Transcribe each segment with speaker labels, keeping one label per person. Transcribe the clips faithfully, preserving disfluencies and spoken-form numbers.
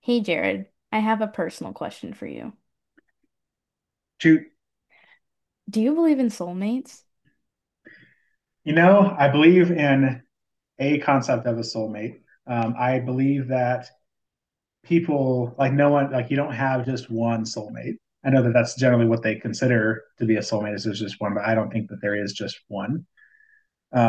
Speaker 1: Hey Jared, I have a personal question for you.
Speaker 2: Shoot,
Speaker 1: Do you believe in soulmates?
Speaker 2: you know, I believe in a concept of a soulmate. Um, I believe that people, like no one, like you don't have just one soulmate. I know that that's generally what they consider to be a soulmate is there's just one, but I don't think that there is just one.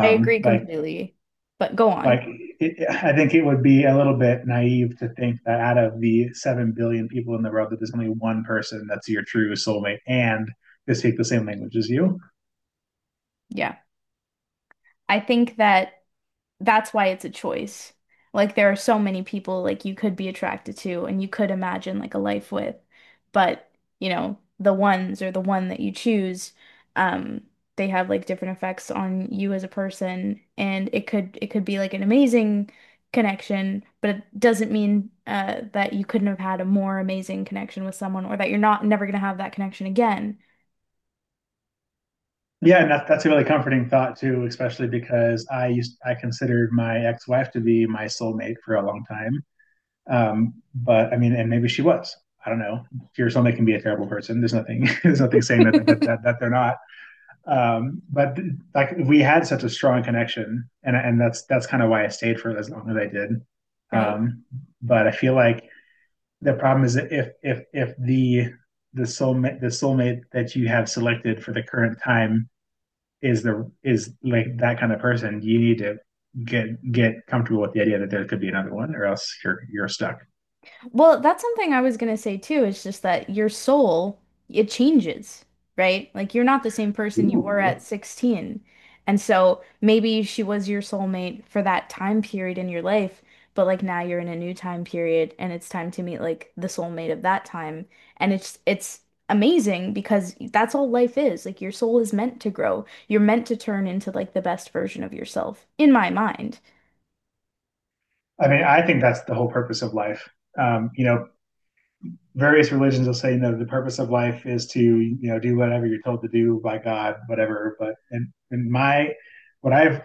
Speaker 1: I agree
Speaker 2: like,
Speaker 1: completely, but go
Speaker 2: like
Speaker 1: on.
Speaker 2: it, I think it would be a little bit naive to think that out of the seven billion people in the world, that there's only one person that's your true soulmate and they speak the same language as you.
Speaker 1: Yeah. I think that that's why it's a choice. Like there are so many people like you could be attracted to and you could imagine like a life with, but you know, the ones or the one that you choose, um, they have like different effects on you as a person and it could it could be like an amazing connection, but it doesn't mean uh that you couldn't have had a more amazing connection with someone or that you're not never gonna have that connection again,
Speaker 2: Yeah, and that, that's a really comforting thought too, especially because I used I considered my ex-wife to be my soulmate for a long time. Um, but I mean, and maybe she was. I don't know. Your soulmate can be a terrible person. There's nothing. There's nothing saying that that that, that they're not. Um, but like we had such a strong connection, and and that's that's kind of why I stayed for as long as I did.
Speaker 1: right?
Speaker 2: Um, but I feel like the problem is that if if if the the soulmate the soulmate that you have selected for the current time is the is like that kind of person, you need to get get comfortable with the idea that there could be another one, or else you're you're stuck.
Speaker 1: Well, that's something I was gonna say too. It's just that your soul, it changes, right? Like you're not the same person you were
Speaker 2: Ooh.
Speaker 1: at sixteen. And so maybe she was your soulmate for that time period in your life, but like now you're in a new time period and it's time to meet like the soulmate of that time. And it's it's amazing because that's all life is. Like your soul is meant to grow. You're meant to turn into like the best version of yourself, in my mind.
Speaker 2: I mean, I think that's the whole purpose of life. Um, you know, various religions will say, you know, the purpose of life is to, you know, do whatever you're told to do by God, whatever. But in, in my, what I've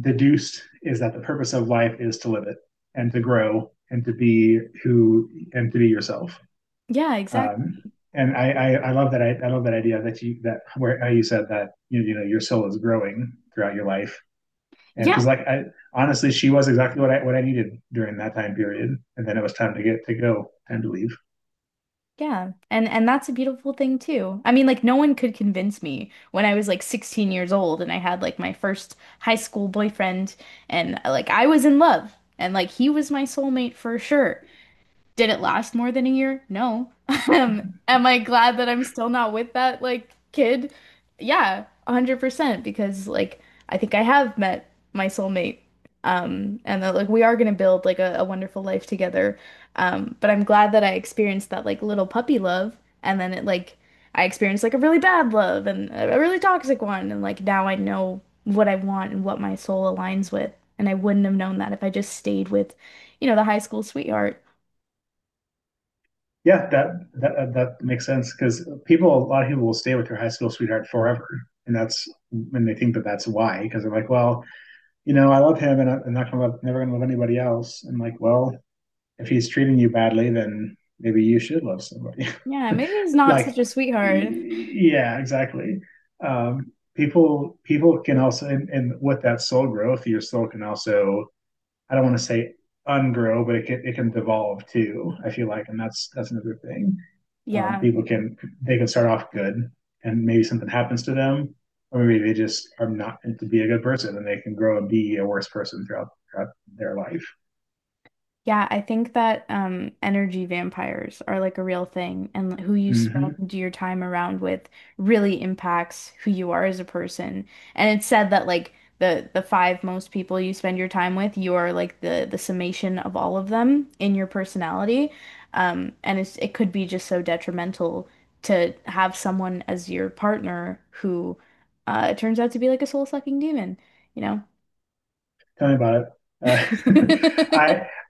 Speaker 2: deduced is that the purpose of life is to live it and to grow and to be who and to be yourself.
Speaker 1: Yeah,
Speaker 2: Um,
Speaker 1: exactly.
Speaker 2: and I, I, I love that I, I love that idea that you that where how you said that you, you know your soul is growing throughout your life and
Speaker 1: Yeah.
Speaker 2: because like I honestly she was exactly what I what I needed during that time period and then it was time to get to go time to leave.
Speaker 1: Yeah. And and that's a beautiful thing too. I mean, like no one could convince me when I was like sixteen years old and I had like my first high school boyfriend and like I was in love and like he was my soulmate for sure. Did it last more than a year? No. Um, am I glad that I'm still not with that like kid? Yeah, one hundred percent because like I think I have met my soulmate. Um, and that like we are gonna build like a, a wonderful life together. Um, but I'm glad that I experienced that like little puppy love and then it like I experienced like a really bad love and a a really toxic one and like now I know what I want and what my soul aligns with. And I wouldn't have known that if I just stayed with, you know, the high school sweetheart.
Speaker 2: Yeah, that that that makes sense because people a lot of people will stay with their high school sweetheart forever, and that's when they think that that's why, because they're like, well, you know, I love him and I'm not gonna love, never gonna love anybody else. And like, well, if he's treating you badly, then maybe you should love somebody.
Speaker 1: Yeah, maybe he's not
Speaker 2: Like,
Speaker 1: such a sweetheart.
Speaker 2: yeah, exactly. Um, people people can also, and, and with that soul growth, your soul can also. I don't want to say ungrow, but it can it can devolve too. I feel like, and that's that's another thing. Um,
Speaker 1: Yeah.
Speaker 2: people can they can start off good, and maybe something happens to them, or maybe they just are not meant to be a good person, and they can grow and be a worse person throughout throughout their life.
Speaker 1: Yeah, I think that um energy vampires are like a real thing and who you
Speaker 2: Mm-hmm.
Speaker 1: spend your time around with really impacts who you are as a person. And it's said that like the the five most people you spend your time with, you are like the the summation of all of them in your personality. Um and it's it could be just so detrimental to have someone as your partner who uh turns out to be like a soul-sucking demon, you know?
Speaker 2: Tell me about it. Uh, I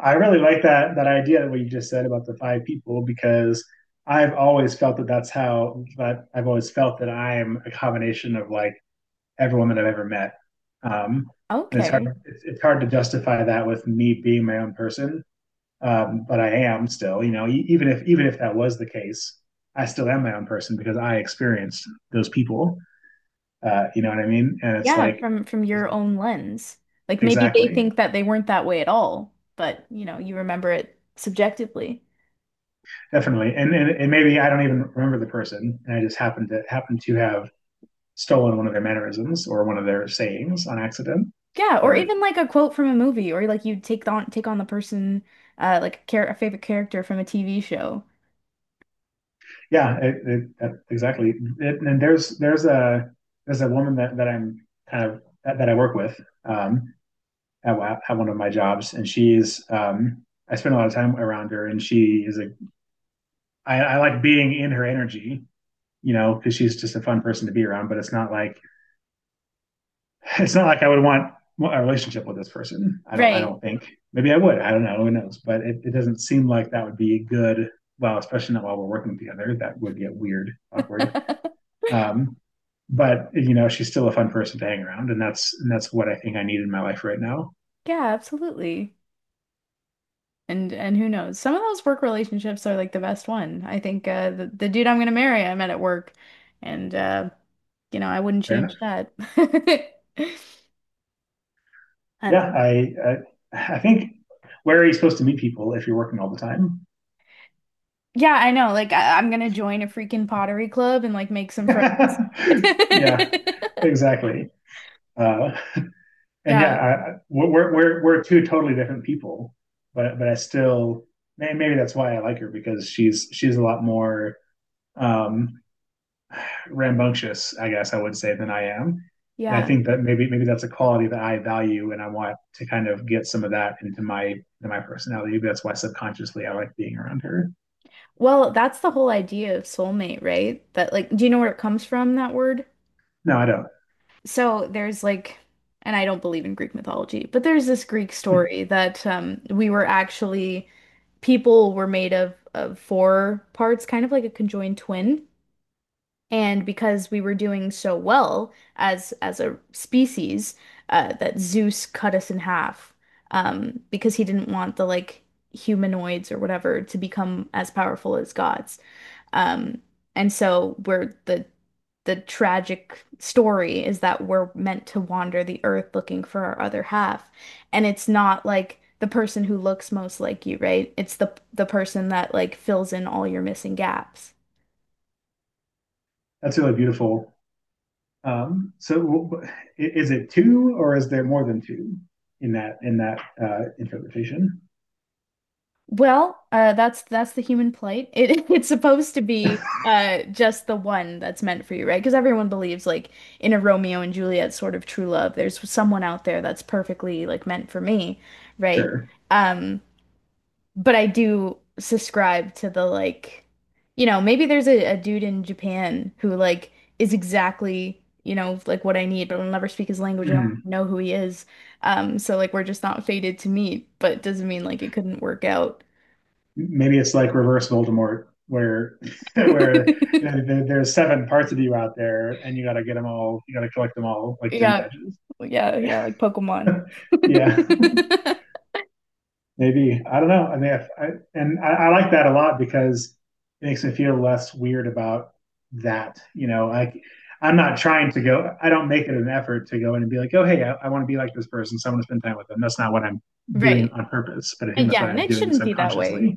Speaker 2: I really like that that idea what you just said about the five people because I've always felt that that's how that I've always felt that I'm a combination of like every woman I've ever met. Um, and it's hard
Speaker 1: Okay.
Speaker 2: it's, it's hard to justify that with me being my own person, um, but I am still. You know, e- even if even if that was the case, I still am my own person because I experienced those people. Uh, you know what I mean? And it's
Speaker 1: Yeah,
Speaker 2: like
Speaker 1: from from your own lens. Like maybe they
Speaker 2: exactly,
Speaker 1: think that they weren't that way at all, but you know, you remember it subjectively.
Speaker 2: definitely. And, and and maybe I don't even remember the person, and I just happened to happen to have stolen one of their mannerisms or one of their sayings on accident.
Speaker 1: Yeah, or
Speaker 2: Or
Speaker 1: even like a quote from a movie, or like you take on take on the person, uh, like a, char a favorite character from a T V show.
Speaker 2: Yeah, it, it, that, exactly. It, and there's there's a there's a woman that, that I'm kind of that, that I work with, um, at, at one of my jobs, and she's um, I spend a lot of time around her, and she is a I, I like being in her energy, you know, because she's just a fun person to be around. But it's not like it's not like I would want a relationship with this person. I don't. I
Speaker 1: Right.
Speaker 2: don't think. Maybe I would. I don't know. Who knows? But it, it doesn't seem like that would be good. Well, especially not while we're working together. That would get weird, awkward. Um, but you know, she's still a fun person to hang around, and that's and that's what I think I need in my life right now.
Speaker 1: Yeah, absolutely. And and who knows? Some of those work relationships are like the best one. I think uh, the the dude I'm gonna marry, I met at work, and uh, you know, I wouldn't
Speaker 2: Fair enough.
Speaker 1: change that. Uh,
Speaker 2: Yeah, I I, I think where are you supposed to meet people if you're working all the time?
Speaker 1: Yeah, I know. Like I I'm gonna join a freaking pottery club and like make some friends.
Speaker 2: Yeah, exactly. Uh, and yeah,
Speaker 1: Yeah.
Speaker 2: I, we're we're we're two totally different people, but but I still, maybe that's why I like her, because she's she's a lot more, um, rambunctious, I guess I would say, than I am. And I
Speaker 1: Yeah.
Speaker 2: think that maybe maybe that's a quality that I value, and I want to kind of get some of that into my into my personality. Maybe that's why subconsciously I like being around her.
Speaker 1: Well, that's the whole idea of soulmate, right? That like, do you know where it comes from, that word?
Speaker 2: No, I don't.
Speaker 1: So there's like, and I don't believe in Greek mythology, but there's this Greek story that um we were actually people were made of of four parts, kind of like a conjoined twin. And because we were doing so well as as a species, uh, that Zeus cut us in half, um, because he didn't want the like humanoids or whatever to become as powerful as gods. Um, and so we're the the tragic story is that we're meant to wander the earth looking for our other half. And it's not like the person who looks most like you, right? It's the the person that like fills in all your missing gaps.
Speaker 2: That's really beautiful. Um, so is it two or is there more than two in that in that uh, interpretation?
Speaker 1: Well, uh, that's that's the human plight. It it's supposed to be uh just the one that's meant for you, right? Because everyone believes like in a Romeo and Juliet sort of true love, there's someone out there that's perfectly like meant for me, right?
Speaker 2: Sure.
Speaker 1: Um, but I do subscribe to the like, you know, maybe there's a, a dude in Japan who like is exactly, you know, like what I need, but I'll never speak his language and I'll
Speaker 2: Mhm.
Speaker 1: know who he is. Um, so like we're just not fated to meet, but it doesn't mean like it couldn't work out.
Speaker 2: Maybe it's like reverse Voldemort, where where you know, there, there's seven parts of you out there, and you got to get them all. You got to collect them all, like gym
Speaker 1: Yeah,
Speaker 2: badges.
Speaker 1: yeah, yeah, like Pokemon.
Speaker 2: Yeah,
Speaker 1: Yeah.
Speaker 2: maybe I don't know. I mean, if I, and I, I like that a lot because it makes me feel less weird about that. You know, like I'm not trying to go. I don't make it an effort to go in and be like, oh, hey, I, I want to be like this person. So I want to spend time with them. That's not what I'm doing
Speaker 1: Right.
Speaker 2: on purpose, but I
Speaker 1: Uh,
Speaker 2: think that's
Speaker 1: Yeah,
Speaker 2: what
Speaker 1: and
Speaker 2: I'm
Speaker 1: it
Speaker 2: doing
Speaker 1: shouldn't be that way.
Speaker 2: subconsciously.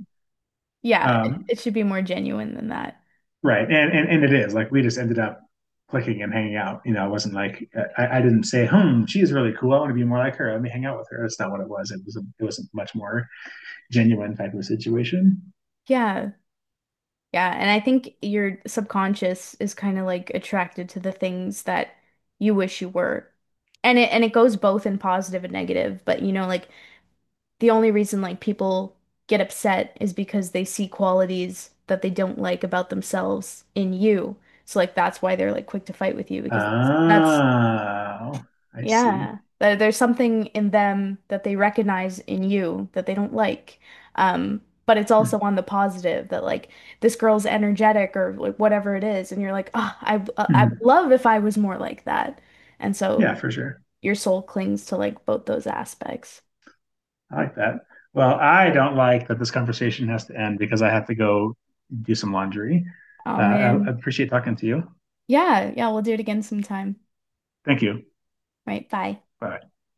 Speaker 1: Yeah, it
Speaker 2: Um,
Speaker 1: it should be more genuine than that.
Speaker 2: Right. And, and and it is like we just ended up clicking and hanging out. You know, I wasn't like I, I didn't say, "Hmm, she's really cool. I want to be more like her. Let me hang out with her." That's not what it was. It was a, it was a much more genuine type of situation.
Speaker 1: Yeah, yeah, and I think your subconscious is kind of like attracted to the things that you wish you were. And it and it goes both in positive and negative, but you know, like the only reason like people get upset is because they see qualities that they don't like about themselves in you. So like that's why they're like quick to fight with you
Speaker 2: Oh,
Speaker 1: because that's, that's
Speaker 2: I see.
Speaker 1: yeah. There- There's something in them that they recognize in you that they don't like. Um, but it's also on the positive that like this girl's energetic or like whatever it is, and you're like, oh, I uh, I would
Speaker 2: Mhm.
Speaker 1: love if I was more like that. And so
Speaker 2: Yeah, for sure.
Speaker 1: your soul clings to like both those aspects.
Speaker 2: I like that. Well, I don't like that this conversation has to end because I have to go do some laundry. Uh,
Speaker 1: Oh
Speaker 2: I I
Speaker 1: man.
Speaker 2: appreciate talking to you.
Speaker 1: Yeah, yeah, we'll do it again sometime.
Speaker 2: Thank you.
Speaker 1: Right, bye.
Speaker 2: Bye.